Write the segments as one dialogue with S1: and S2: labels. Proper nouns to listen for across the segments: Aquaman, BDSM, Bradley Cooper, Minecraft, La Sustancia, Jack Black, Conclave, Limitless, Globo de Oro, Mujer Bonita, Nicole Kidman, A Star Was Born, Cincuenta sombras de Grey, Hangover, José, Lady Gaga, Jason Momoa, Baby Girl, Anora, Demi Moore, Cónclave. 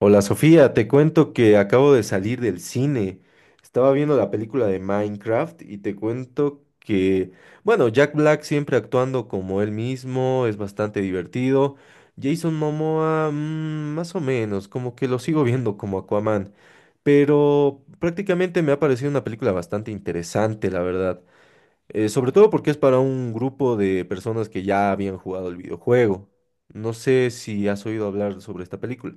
S1: Hola Sofía, te cuento que acabo de salir del cine. Estaba viendo la película de Minecraft y te cuento que, bueno, Jack Black siempre actuando como él mismo, es bastante divertido. Jason Momoa, mm, más o menos, como que lo sigo viendo como Aquaman, pero prácticamente me ha parecido una película bastante interesante, la verdad. Sobre todo porque es para un grupo de personas que ya habían jugado el videojuego. No sé si has oído hablar sobre esta película.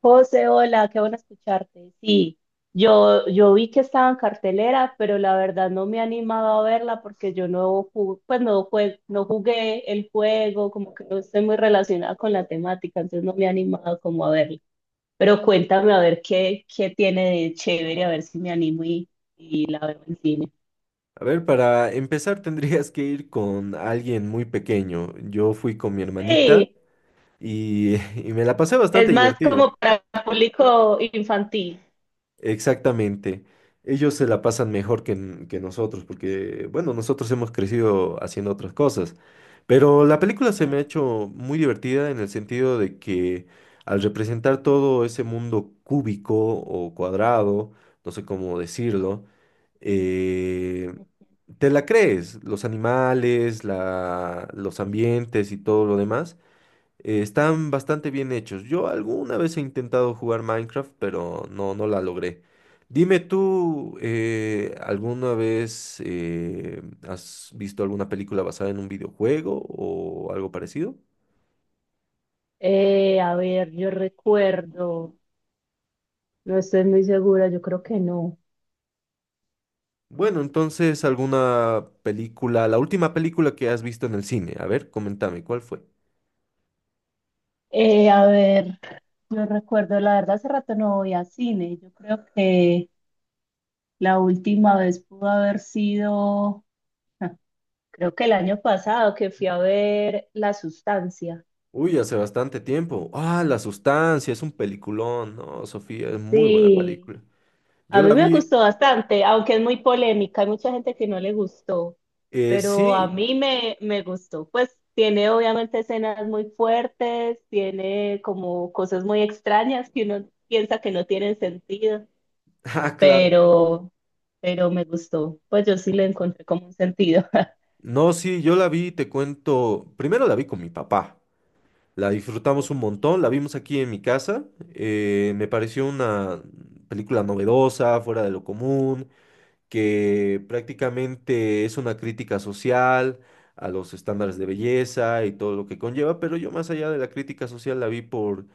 S2: José, hola, qué bueno escucharte. Sí, yo vi que estaba en cartelera, pero la verdad no me he animado a verla porque yo no jugué, pues no jugué el juego, como que no estoy muy relacionada con la temática, entonces no me he animado como a verla. Pero cuéntame a ver qué tiene de chévere, a ver si me animo y la veo en cine.
S1: A ver, para empezar tendrías que ir con alguien muy pequeño. Yo fui con mi hermanita
S2: Sí,
S1: y, y me la pasé
S2: es
S1: bastante
S2: más
S1: divertido.
S2: como para público infantil.
S1: Exactamente. Ellos se la pasan mejor que nosotros, porque, bueno, nosotros hemos crecido haciendo otras cosas. Pero la película se me ha
S2: Claro.
S1: hecho muy divertida en el sentido de que al representar todo ese mundo cúbico o cuadrado, no sé cómo decirlo, eh, te la crees, los animales, los ambientes y todo lo demás. Están bastante bien hechos. Yo alguna vez he intentado jugar Minecraft, pero no la logré. Dime tú, ¿alguna vez has visto alguna película basada en un videojuego o algo parecido?
S2: A ver, yo recuerdo, no estoy muy segura, yo creo que no.
S1: Bueno, entonces alguna película, la última película que has visto en el cine. A ver, coméntame, ¿cuál fue?
S2: A ver, yo recuerdo, la verdad, hace rato no voy a cine. Yo creo que la última vez pudo haber sido, ah, creo que el año pasado que fui a ver La Sustancia.
S1: Uy, hace bastante tiempo. Ah, La Sustancia, es un peliculón, ¿no? Sofía, es muy buena
S2: Sí,
S1: película. Yo
S2: a mí
S1: la
S2: me
S1: vi,
S2: gustó bastante, aunque es muy polémica, hay mucha gente que no le gustó, pero a
S1: sí,
S2: mí me gustó. Pues tiene obviamente escenas muy fuertes, tiene como cosas muy extrañas que uno piensa que no tienen sentido.
S1: ah, claro.
S2: pero, pero me gustó. Pues yo sí le encontré como un sentido.
S1: No, sí, yo la vi, te cuento, primero la vi con mi papá, la disfrutamos
S2: Ok.
S1: un montón, la vimos aquí en mi casa, me pareció una película novedosa, fuera de lo común, que prácticamente es una crítica social a los estándares de
S2: Ujú.
S1: belleza y todo lo que conlleva, pero yo más allá de la crítica social la vi por,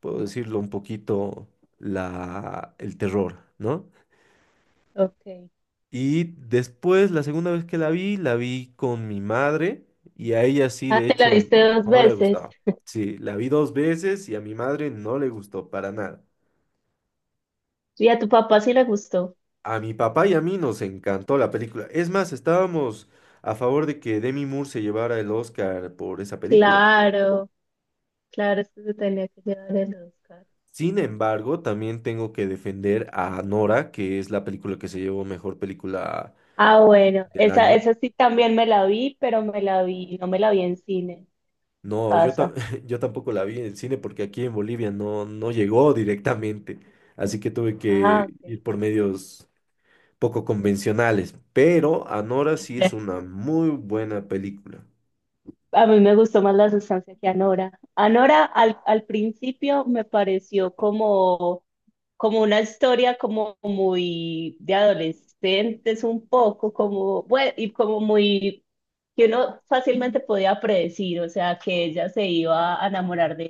S1: puedo decirlo un poquito, el terror, ¿no?
S2: Okay.
S1: Y después, la segunda vez que la vi con mi madre y a ella sí,
S2: Ah,
S1: de
S2: te la
S1: hecho,
S2: viste dos
S1: no le
S2: veces.
S1: gustaba. Sí, la vi dos veces y a mi madre no le gustó para nada.
S2: Y a tu papá sí le gustó.
S1: A mi papá y a mí nos encantó la película. Es más, estábamos a favor de que Demi Moore se llevara el Oscar por esa película.
S2: Claro, claro, es que se tenía que llevar el Oscar.
S1: Sin embargo, también tengo que defender a Nora, que es la película que se llevó mejor película
S2: Ah, bueno,
S1: del año.
S2: esa sí también me la vi, pero me la vi, no me la vi en cine, en
S1: No, yo, ta-
S2: casa.
S1: Yo tampoco la vi en el cine porque aquí en Bolivia no llegó directamente, así que tuve
S2: Ah,
S1: que
S2: ok.
S1: ir por medios poco convencionales, pero Anora sí es una muy buena película.
S2: A mí me gustó más La Sustancia que Anora. Anora al principio me pareció como una historia como muy de adolescentes, un poco como, bueno, y como muy, que uno fácilmente podía predecir, o sea, que ella se iba a enamorar de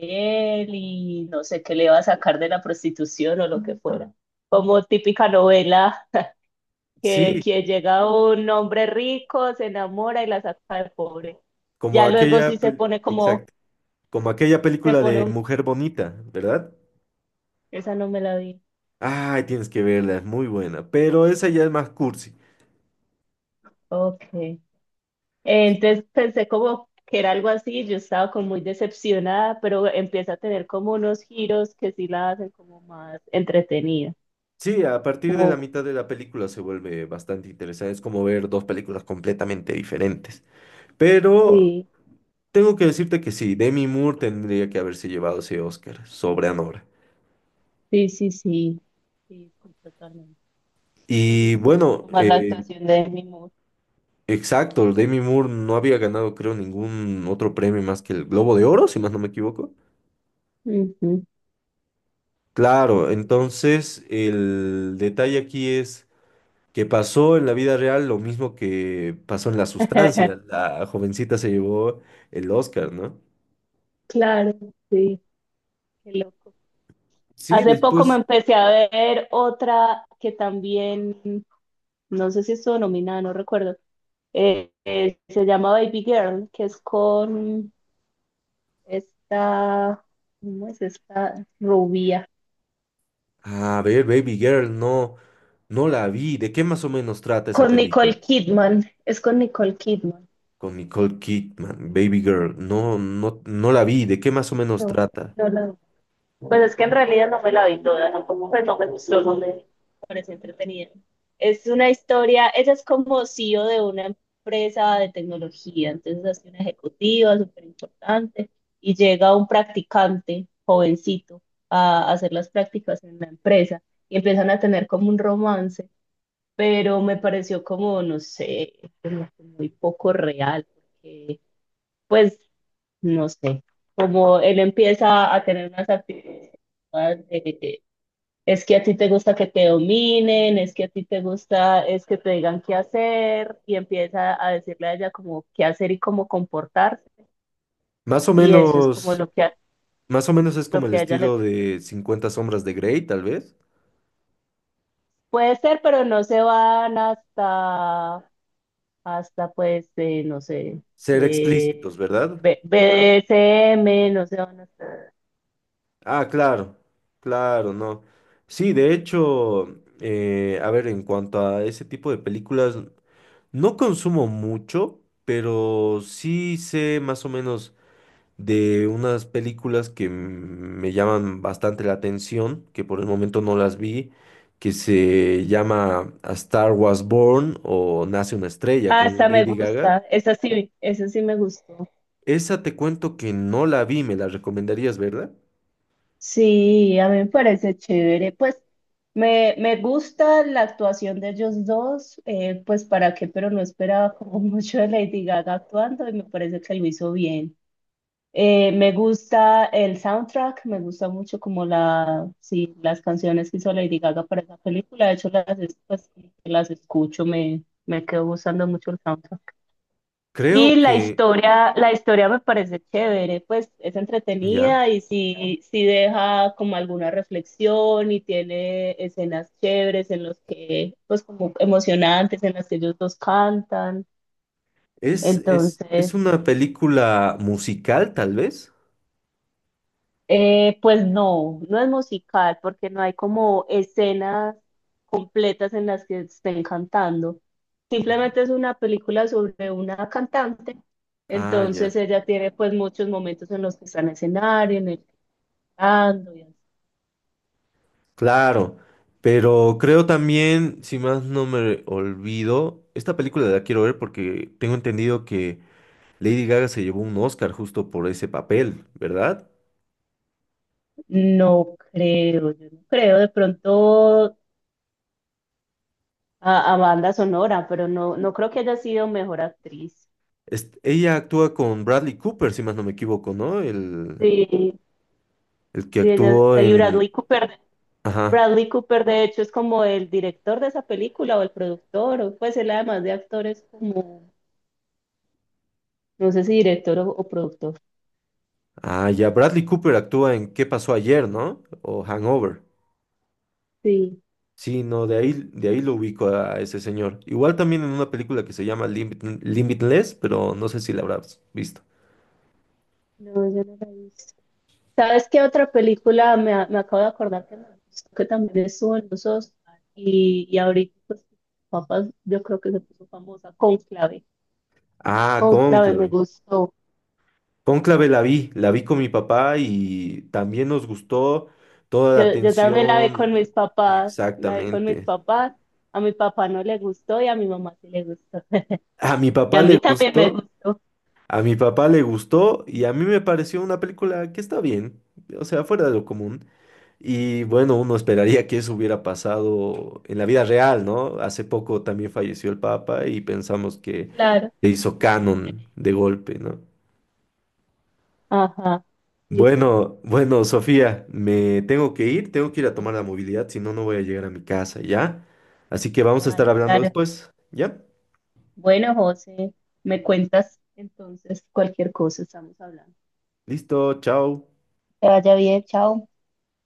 S2: él y no sé, qué le iba a sacar de la prostitución o lo que fuera. Como típica novela
S1: Sí,
S2: que llega un hombre rico, se enamora y la saca de pobre. Ya luego sí se pone como,
S1: exacto, como aquella
S2: se
S1: película
S2: pone
S1: de Mujer Bonita, ¿verdad?
S2: esa no me la vi.
S1: Ay, tienes que verla, es muy buena, pero esa ya es más cursi.
S2: Ok. Entonces pensé como que era algo así, yo estaba como muy decepcionada, pero empieza a tener como unos giros que sí la hacen como más entretenida.
S1: Sí, a partir de la
S2: Como,
S1: mitad de la película se vuelve bastante interesante, es como ver dos películas completamente diferentes. Pero
S2: sí,
S1: tengo que decirte que sí, Demi Moore tendría que haberse llevado ese Oscar sobre Anora.
S2: sí, sí, sí, sí, sí, totalmente. Me
S1: Y
S2: gustó mucho
S1: bueno,
S2: más la actuación de Demi Moore.
S1: exacto, Demi Moore no había ganado, creo, ningún otro premio más que el Globo de Oro, si más no me equivoco.
S2: Ujú,
S1: Claro,
S2: sí.
S1: entonces el detalle aquí es que pasó en la vida real lo mismo que pasó en La Sustancia. La jovencita se llevó el Oscar, ¿no?
S2: Claro, sí, qué loco.
S1: Sí,
S2: Hace poco me
S1: después
S2: empecé a ver otra que también, no sé si estuvo nominada, no recuerdo, se llama Baby Girl, que es con... Esta, ¿cómo es esta rubia?
S1: a ver, Baby Girl, no la vi. ¿De qué más o menos trata esa
S2: Con
S1: película?
S2: Nicole Kidman, es con Nicole Kidman.
S1: Con Nicole Kidman, Baby Girl, no la vi. ¿De qué más o menos
S2: No,
S1: trata?
S2: no la- pues es que en realidad no me la vi toda, ¿no? Como pues no me gustó, no me pareció entretenida. Es una historia, ella es como CEO de una empresa de tecnología, entonces hace una ejecutiva súper importante y llega un practicante jovencito a hacer las prácticas en la empresa y empiezan a tener como un romance pero me pareció como, no sé, como que muy poco real, porque, pues, no sé, como él empieza a tener unas actitudes de, es que a ti te gusta que te dominen, es que a ti te gusta, es que te digan qué hacer, y empieza a decirle a ella como qué hacer y cómo comportarse,
S1: Más o
S2: y eso es como
S1: menos,
S2: lo
S1: más o menos es
S2: lo
S1: como el
S2: que a ella le
S1: estilo
S2: gusta.
S1: de Cincuenta sombras de Grey, tal vez.
S2: Puede ser, pero no se van hasta pues,
S1: Ser
S2: eh,
S1: explícitos, ¿verdad?
S2: BDSM, no sé dónde está.
S1: Ah, claro, claro, no. Sí, de hecho, a ver, en cuanto a ese tipo de películas, no consumo mucho, pero sí sé más o menos de unas películas que me llaman bastante la atención, que por el momento no las vi, que se llama A Star Was Born o Nace una estrella
S2: Ah,
S1: con
S2: esta me
S1: Lady Gaga.
S2: gusta, esa sí me gustó.
S1: Esa te cuento que no la vi, me la recomendarías, ¿verdad?
S2: Sí, a mí me parece chévere. Pues me gusta la actuación de ellos dos, pues para qué, pero no esperaba como mucho de Lady Gaga actuando y me parece que lo hizo bien. Me gusta el soundtrack, me gusta mucho como sí, las canciones que hizo Lady Gaga para esa película. De hecho, pues, como que las escucho, me quedo gustando mucho el soundtrack.
S1: Creo
S2: Y
S1: que
S2: la historia me parece chévere, pues es
S1: ya.
S2: entretenida y sí, sí deja como alguna reflexión y tiene escenas chéveres en los que, pues como emocionantes, en las que ellos dos cantan.
S1: Es
S2: Entonces...
S1: una película musical, tal vez.
S2: Pues no, no es musical porque no hay como escenas completas en las que estén cantando.
S1: Mm.
S2: Simplemente es una película sobre una cantante.
S1: Ah, ya.
S2: Entonces ella tiene pues muchos momentos en los que está en escenario, en el que cantando. Y así.
S1: Claro, pero creo también, si más no me olvido, esta película la quiero ver porque tengo entendido que Lady Gaga se llevó un Oscar justo por ese papel, ¿verdad?
S2: No creo, yo no creo de pronto a banda sonora, pero no, no creo que haya sido mejor actriz.
S1: Ella actúa con Bradley Cooper, si más no me equivoco, ¿no?
S2: Sí,
S1: El que
S2: sí, ella,
S1: actuó
S2: y
S1: en...
S2: Bradley Cooper.
S1: Ajá.
S2: Bradley Cooper, de hecho, es como el director de esa película o el productor, o pues él además de actor es como, no sé si director o productor.
S1: Ah, ya, Bradley Cooper actúa en ¿Qué pasó ayer, ¿no? O Hangover.
S2: Sí,
S1: Sí, no, de ahí lo ubico a ese señor. Igual también en una película que se llama Limitless, pero no sé si la habrás visto.
S2: no, yo no la he visto. ¿Sabes qué otra película me acabo de acordar que me gustó, que también estuvo en los Oscars y ahorita, pues, papas, yo creo que se puso famosa, Conclave.
S1: Ah,
S2: Conclave me
S1: Cónclave.
S2: gustó.
S1: Cónclave la vi con mi papá y también nos gustó toda la
S2: Yo también la vi con
S1: tensión.
S2: mis papás, la vi con mis
S1: Exactamente.
S2: papás. A mi papá no le gustó y a mi mamá sí le gustó.
S1: A mi
S2: Y
S1: papá
S2: a
S1: le
S2: mí también me
S1: gustó,
S2: gustó.
S1: a mi papá le gustó y a mí me pareció una película que está bien, o sea, fuera de lo común. Y bueno, uno esperaría que eso hubiera pasado en la vida real, ¿no? Hace poco también falleció el Papa y pensamos que
S2: Claro.
S1: se hizo canon de golpe, ¿no?
S2: Ajá. Sí, sí.
S1: Bueno, bueno, Sofía, me tengo que ir a tomar la movilidad, si no, no voy a llegar a mi casa, ¿ya? Así que vamos a estar
S2: Vale,
S1: hablando
S2: claro.
S1: después, ¿ya?
S2: Bueno, José, me cuentas entonces cualquier cosa, estamos hablando.
S1: Listo, chao.
S2: Que vaya bien, chao.